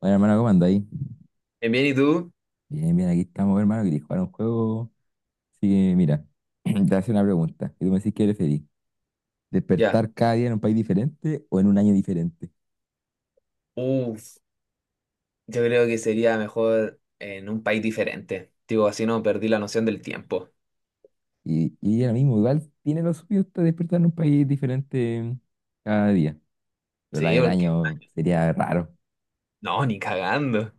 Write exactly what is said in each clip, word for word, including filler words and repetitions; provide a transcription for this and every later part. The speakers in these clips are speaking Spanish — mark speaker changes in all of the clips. Speaker 1: Bueno, hermano, ¿cómo andáis?
Speaker 2: Bien, bien, ¿y tú?
Speaker 1: Bien, bien, aquí estamos, hermano, que jugar un juego. Así que, mira, te voy a hacer una pregunta. Y tú me decís qué preferís,
Speaker 2: Ya.
Speaker 1: despertar cada día en un país diferente o en un año diferente.
Speaker 2: Uf, yo creo que sería mejor en un país diferente. Digo, así no perdí la noción del tiempo.
Speaker 1: Y, y ahora mismo, igual tiene lo suyo hasta despertar en un país diferente cada día. Pero la
Speaker 2: Sí,
Speaker 1: del
Speaker 2: porque.
Speaker 1: año sería raro.
Speaker 2: No, ni cagando.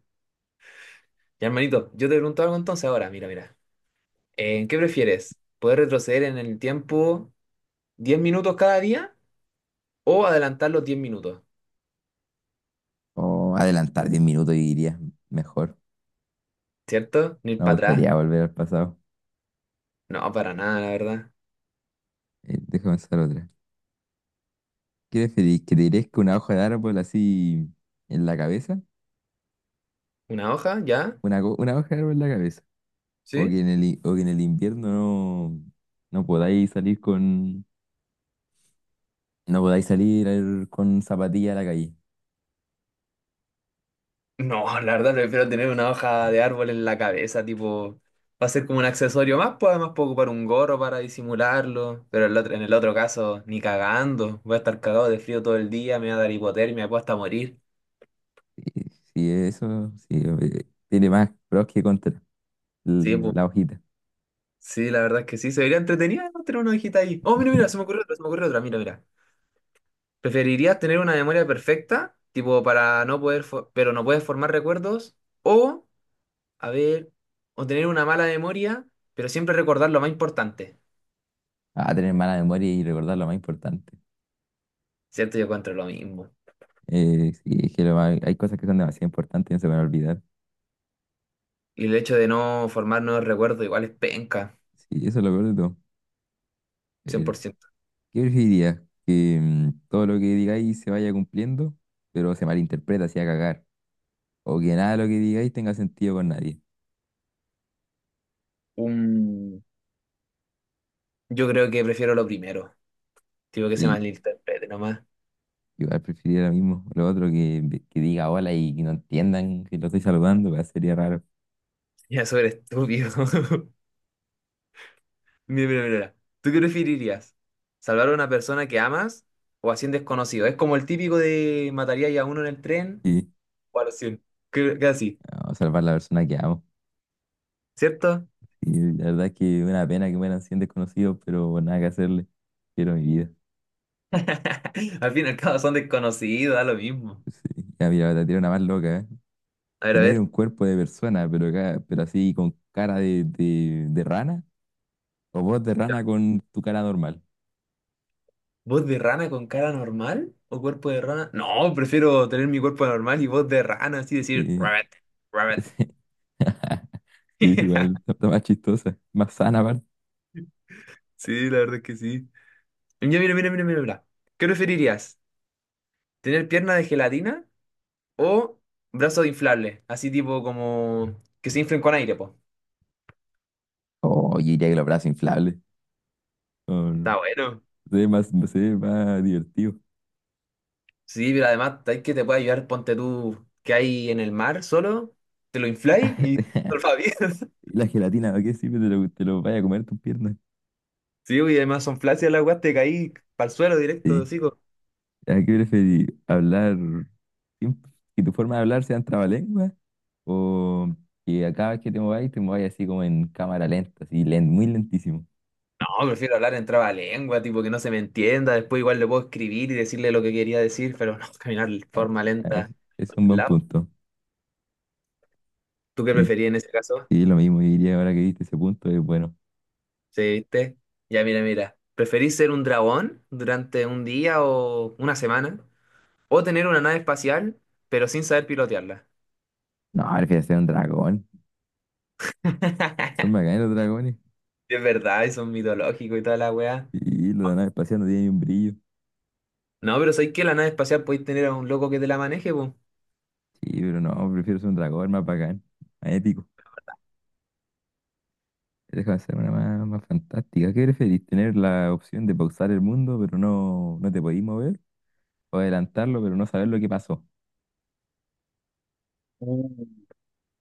Speaker 2: Ya, hermanito, yo te pregunto algo entonces ahora. Mira, mira. Eh, ¿qué prefieres? ¿Poder retroceder en el tiempo diez minutos cada día o adelantar los diez minutos?
Speaker 1: O adelantar diez minutos y iría mejor.
Speaker 2: ¿Cierto? Ni ir
Speaker 1: No
Speaker 2: para
Speaker 1: me
Speaker 2: atrás.
Speaker 1: gustaría volver al pasado.
Speaker 2: No, para nada, la verdad.
Speaker 1: Eh, déjame pensar otra. ¿Qué preferís? ¿Que te crezca una hoja de árbol así en la cabeza?
Speaker 2: ¿Una hoja? ¿Ya?
Speaker 1: Una, co- una hoja de árbol en la cabeza. O
Speaker 2: ¿Sí?
Speaker 1: que en el, i- o que en el invierno no, no podáis salir con, no podáis salir al- con zapatillas a la calle.
Speaker 2: No, la verdad prefiero tener una hoja de árbol en la cabeza, tipo, va a ser como un accesorio más, pues además puedo ocupar un gorro para disimularlo, pero el otro, en el otro caso, ni cagando, voy a estar cagado de frío todo el día, me va a dar hipotermia, me puedo hasta morir.
Speaker 1: Sí, sí, eso sí, eh, tiene más pros que contras
Speaker 2: Sí,
Speaker 1: l-
Speaker 2: pues,
Speaker 1: la hojita.
Speaker 2: sí, la verdad es que sí, se vería entretenido, ¿no? Tener una hojita ahí. Oh, mira, mira, se me ocurrió otra, se me ocurrió otra, mira, mira. ¿Preferirías tener una memoria perfecta, tipo, para no poder, fo- pero no puedes formar recuerdos? O, a ver, o tener una mala memoria, pero siempre recordar lo más importante.
Speaker 1: A tener mala memoria y recordar lo más importante.
Speaker 2: Siento yo encuentro lo mismo.
Speaker 1: Eh, sí, es que lo más- hay cosas que son demasiado importantes y no se van a olvidar.
Speaker 2: Y el hecho de no formar nuevos recuerdos igual es penca,
Speaker 1: Sí, eso es lo peor de todo. El-
Speaker 2: cien por ciento.
Speaker 1: ¿Qué preferirías? Que mm, todo lo que digáis se vaya cumpliendo, pero se malinterpreta, se haga cagar. O que nada de lo que digáis tenga sentido con nadie.
Speaker 2: Un... Yo creo que prefiero lo primero. Tipo que se malinterprete nomás.
Speaker 1: Igual preferiría lo mismo. Lo otro que, que diga hola y que no entiendan que lo estoy saludando, pues, sería raro.
Speaker 2: Ya sobre estúpido. Mira, mira, mira, mira. ¿Tú qué preferirías? ¿Salvar a una persona que amas o a cien desconocidos? Es como el típico de mataría ya a uno en el tren
Speaker 1: Sí,
Speaker 2: o a los cien. Que- Casi,
Speaker 1: no, salvar la persona que amo.
Speaker 2: ¿cierto?
Speaker 1: Y la verdad es que una pena que mueran cien desconocidos, pero nada que hacerle. Quiero mi vida.
Speaker 2: Al fin y al cabo son desconocidos, da lo mismo.
Speaker 1: Sí. Ya, mira, te tiro una más loca, ¿eh?
Speaker 2: A ver, a
Speaker 1: Tener
Speaker 2: ver.
Speaker 1: un cuerpo de persona, pero, ca- pero así con cara de, de, de rana, o voz de rana con tu cara normal.
Speaker 2: ¿Voz de rana con cara normal o cuerpo de rana? No, prefiero tener mi cuerpo normal y voz de rana, así decir,
Speaker 1: Sí,
Speaker 2: rabbit, rabbit.
Speaker 1: sí. Sí, igual, está más chistosa, más sana, aparte.
Speaker 2: Sí, la verdad es que sí. Mira, mira, mira, mira, mira, mira. ¿Qué preferirías? ¿Tener pierna de gelatina o brazos inflables? Así tipo como que se inflen con aire, pues.
Speaker 1: Oh, yo diría que los brazos inflables. Oh,
Speaker 2: Está
Speaker 1: no.
Speaker 2: bueno.
Speaker 1: Se ve más, se ve más divertido.
Speaker 2: Sí, pero además hay que te puede ayudar, ponte tú que hay en el mar solo, te lo infláis y todo el
Speaker 1: ¿Y la gelatina? ¿A qué sirve? Te lo, te lo vaya a comer tus piernas.
Speaker 2: sí, y además son flácidas las weas, te caí para el suelo directo,
Speaker 1: Sí.
Speaker 2: así.
Speaker 1: ¿A qué prefieres? ¿Hablar? sin- ¿Que tu forma de hablar sean trabalenguas? ¿O que a cada vez que te mováis, te mováis así como en cámara lenta, así len- muy lentísimo?
Speaker 2: No, prefiero hablar en trabalengua, tipo que no se me entienda. Después igual le puedo escribir y decirle lo que quería decir, pero no, caminar de
Speaker 1: Ah,
Speaker 2: forma
Speaker 1: ah,
Speaker 2: lenta
Speaker 1: es- es
Speaker 2: por
Speaker 1: un
Speaker 2: un
Speaker 1: buen
Speaker 2: lado.
Speaker 1: punto.
Speaker 2: ¿Tú qué
Speaker 1: Sí,
Speaker 2: preferís en ese caso?
Speaker 1: sí, lo mismo diría ahora que viste ese punto, es bueno.
Speaker 2: ¿Sí, viste? Ya, mira, mira. ¿Preferís ser un dragón durante un día o una semana? ¿O tener una nave espacial, pero sin saber pilotearla?
Speaker 1: No, prefiero ser un dragón. Son bacanes los dragones.
Speaker 2: Es verdad, eso es mitológico y toda la weá.
Speaker 1: Sí, los de la nave espacial no tienen ni un brillo.
Speaker 2: No, pero ¿sabéis que la nave espacial podéis tener a un loco que te la maneje, po?
Speaker 1: Sí, pero no, prefiero ser un dragón más bacán, más épico. Déjame hacer una más, más fantástica. ¿Qué preferís? ¿Tener la opción de pausar el mundo, pero no, no te podís mover? ¿O adelantarlo, pero no saber lo que pasó?
Speaker 2: Mm.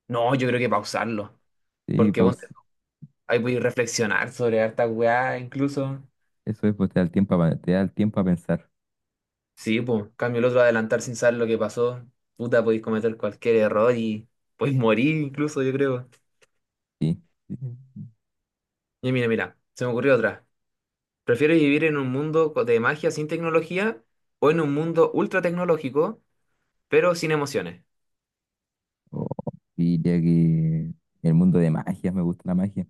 Speaker 2: No, yo creo que pausarlo.
Speaker 1: Sí,
Speaker 2: Porque
Speaker 1: paus
Speaker 2: ponte. Ahí voy a reflexionar sobre harta weá, incluso.
Speaker 1: Eso es, pues te da el tiempo a, te da el tiempo a pensar.
Speaker 2: Sí, pues, cambio el otro adelantar sin saber lo que pasó. Puta, podéis cometer cualquier error y podéis morir incluso, yo creo.
Speaker 1: Sí. Sí.
Speaker 2: Y mira, mira, se me ocurrió otra. ¿Prefieres vivir en un mundo co- de magia sin tecnología o en un mundo ultra tecnológico, pero sin emociones?
Speaker 1: O diría que el mundo de magia, me gusta la magia.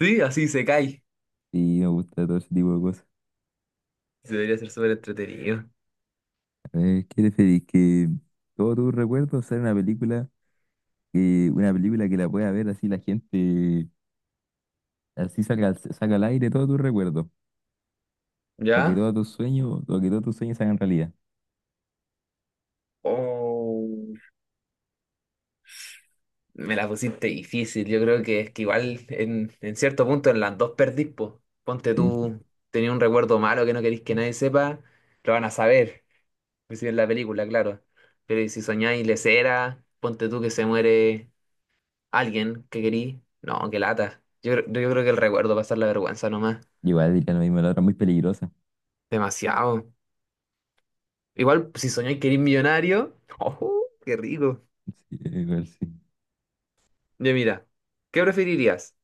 Speaker 2: Sí, así se cae.
Speaker 1: Sí, me gusta todo ese tipo de cosas.
Speaker 2: Debería ser súper entretenido.
Speaker 1: A ver, ¿qué preferís? ¿Que todos tus recuerdos sean una película, que, una película que la pueda ver así la gente, así saca, saca al aire todos tus recuerdos? O que
Speaker 2: ¿Ya?
Speaker 1: todos tus sueños, o que todos tus sueños se hagan realidad.
Speaker 2: Oh. Me la pusiste difícil. Yo creo que es que igual en, en cierto punto en las dos perdís, po. Ponte
Speaker 1: Sí,
Speaker 2: tú, tenía un recuerdo malo que no querís que nadie sepa, lo van a saber. Si en la película, claro. Pero ¿y si soñáis lesera, ponte tú que se muere alguien que querís? No, qué lata. Yo, cre- yo creo que el recuerdo va a ser la vergüenza nomás.
Speaker 1: igual diría lo mismo, la otra es muy peligrosa.
Speaker 2: Demasiado. Igual si soñáis querís millonario. ¡Oh, qué rico!
Speaker 1: Sí, igual sí.
Speaker 2: Yo mira, ¿qué preferirías?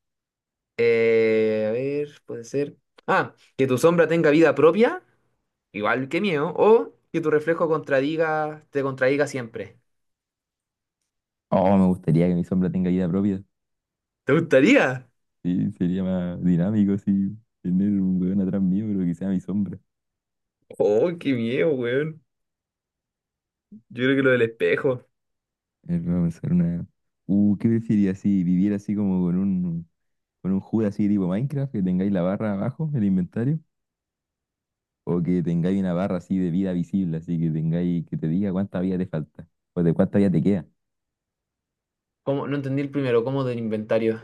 Speaker 2: Eh, a ver, puede ser. Ah, que tu sombra tenga vida propia, igual que mío, o que tu reflejo contradiga, te contradiga siempre.
Speaker 1: Oh, me gustaría que mi sombra tenga vida propia.
Speaker 2: ¿Te gustaría?
Speaker 1: Sí, sería más dinámico, sí. Tener un weón atrás mío, pero que sea mi sombra.
Speaker 2: Oh, qué miedo, weón. Yo creo que lo del espejo.
Speaker 1: A ver, vamos a hacer una. Uh, ¿qué preferirías si vivir así como con un, con un hud así tipo Minecraft, que tengáis la barra abajo, el inventario? O que tengáis una barra así de vida visible, así que tengáis, que te diga cuánta vida te falta, o de cuánta vida te queda.
Speaker 2: ¿Cómo? No entendí el primero, ¿cómo del inventario?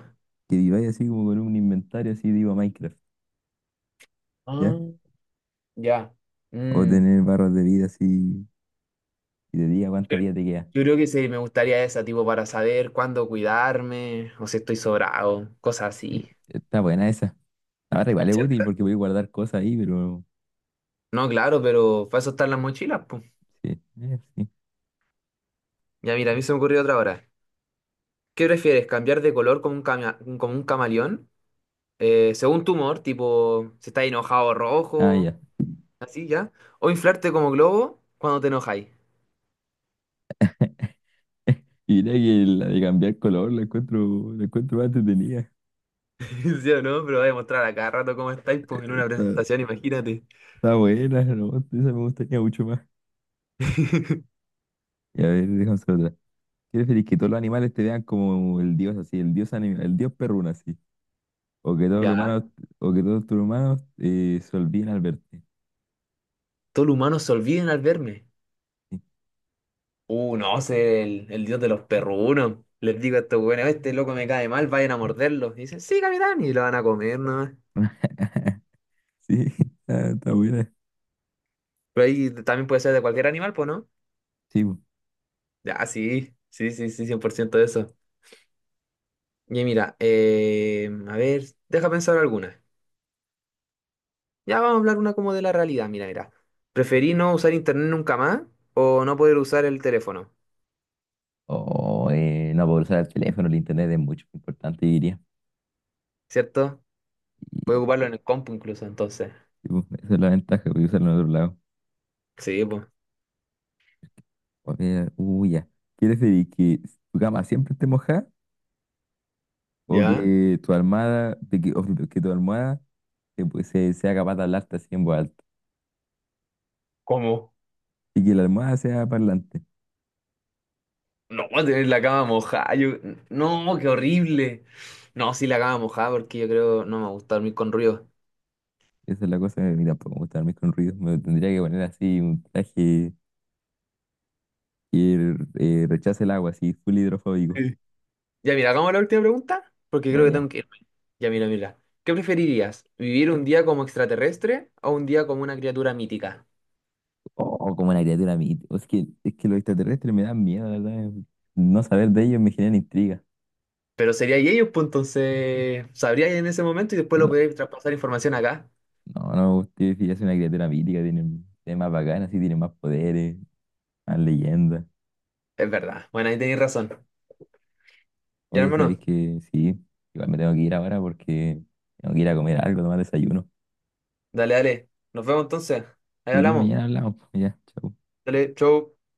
Speaker 1: Que viváis así como con un inventario así tipo Minecraft.
Speaker 2: Ah, ya.
Speaker 1: O
Speaker 2: Mm.
Speaker 1: tener barras de vida así y de día cuánta vida te queda.
Speaker 2: Yo creo que sí, me gustaría esa, tipo, para saber cuándo cuidarme, o si estoy sobrado, cosas
Speaker 1: Sí,
Speaker 2: así.
Speaker 1: está buena esa. Ahora igual es útil
Speaker 2: ¿Cierto?
Speaker 1: porque voy a guardar cosas ahí, pero
Speaker 2: No, claro, pero para eso están las mochilas, pues.
Speaker 1: sí, eh, sí.
Speaker 2: Ya, mira, a mí se me ocurrió otra hora. ¿Qué prefieres? ¿Cambiar de color como un, cama- como un camaleón? Eh, según tu humor, tipo, si estás enojado,
Speaker 1: Ah,
Speaker 2: rojo,
Speaker 1: ya.
Speaker 2: así ya. O inflarte como globo cuando te enojáis.
Speaker 1: Y mira que la de cambiar color la encuentro, la encuentro más entretenida.
Speaker 2: ¿Sí o no? Pero voy a mostrar a cada rato cómo estáis pues, en una
Speaker 1: Está,
Speaker 2: presentación, imagínate.
Speaker 1: está buena, ¿no? Esa me gustaría mucho más. Y a ver, déjame hacer otra. ¿Quieres feliz que todos los animales te vean como el dios así, el dios animal, el dios perruna así? O que todos los
Speaker 2: Ya,
Speaker 1: humanos, o que todos tus humanos eh, se olviden al verte.
Speaker 2: todos los humanos se olviden al verme.
Speaker 1: Sí,
Speaker 2: Uh, no, sé el, el, dios de los perrunos. Les digo a estos güeyes, este loco me cae mal, vayan a morderlo. Y dicen, sí, capitán, y lo van a comer nomás.
Speaker 1: sí, está, está buena.
Speaker 2: Pero ahí también puede ser de cualquier animal, pues, ¿no?
Speaker 1: Sí.
Speaker 2: Ya, sí, sí, sí, sí, cien por ciento de eso. Y mira, eh, a ver, deja pensar alguna. Ya vamos a hablar una como de la realidad, mira, mira. ¿Preferí no usar internet nunca más o no poder usar el teléfono?
Speaker 1: O eh, no puedo usar el teléfono, el internet es mucho más importante, diría.
Speaker 2: ¿Cierto?
Speaker 1: Y
Speaker 2: Puedo ocuparlo en el compu incluso, entonces.
Speaker 1: sí, pues, esa es la ventaja, voy a usarlo en otro lado.
Speaker 2: Sí, pues.
Speaker 1: A ver, uy, ya. ¿Quieres decir que tu cama siempre esté mojada o
Speaker 2: ¿Ya?
Speaker 1: que tu almohada, de que, o que tu almohada eh, pues, se- sea capaz de hablarte así en voz alta?
Speaker 2: ¿Cómo?
Speaker 1: Y que la almohada sea parlante.
Speaker 2: No, voy a tener la cama mojada. yo- No, qué horrible. No, sí, la cama mojada porque yo creo no me gusta dormir con ruido.
Speaker 1: Esa es la cosa, que, mira, tampoco me gusta dormir con ruido. Me tendría que poner así un traje que eh, rechace el agua, así, full hidrofóbico.
Speaker 2: Sí. Ya, mira, hagamos la última pregunta, porque
Speaker 1: Ya,
Speaker 2: creo que
Speaker 1: ya.
Speaker 2: tengo que irme. Ya, mira, mira. ¿Qué preferirías? ¿Vivir un día como extraterrestre o un día como una criatura mítica?
Speaker 1: O como una criatura mítica. Es que, es que los extraterrestres me dan miedo, la verdad. No saber de ellos me genera intriga.
Speaker 2: Pero sería y ellos, pues entonces sabrías en ese momento y después lo
Speaker 1: No,
Speaker 2: podrías traspasar información acá.
Speaker 1: no, no me gusta decir, es una criatura mítica. Tienen, tiene más bacanas, sí, tiene más poderes, más leyendas.
Speaker 2: Es verdad. Bueno, ahí tenéis razón. Ya,
Speaker 1: Oye,
Speaker 2: hermano,
Speaker 1: ¿sabéis que sí? Igual me tengo que ir ahora porque tengo que ir a comer algo, tomar desayuno.
Speaker 2: dale, dale. Nos vemos entonces.
Speaker 1: Si
Speaker 2: Ahí
Speaker 1: queréis,
Speaker 2: hablamos.
Speaker 1: mañana hablamos, pues. Ya, chau.
Speaker 2: Dale, chau.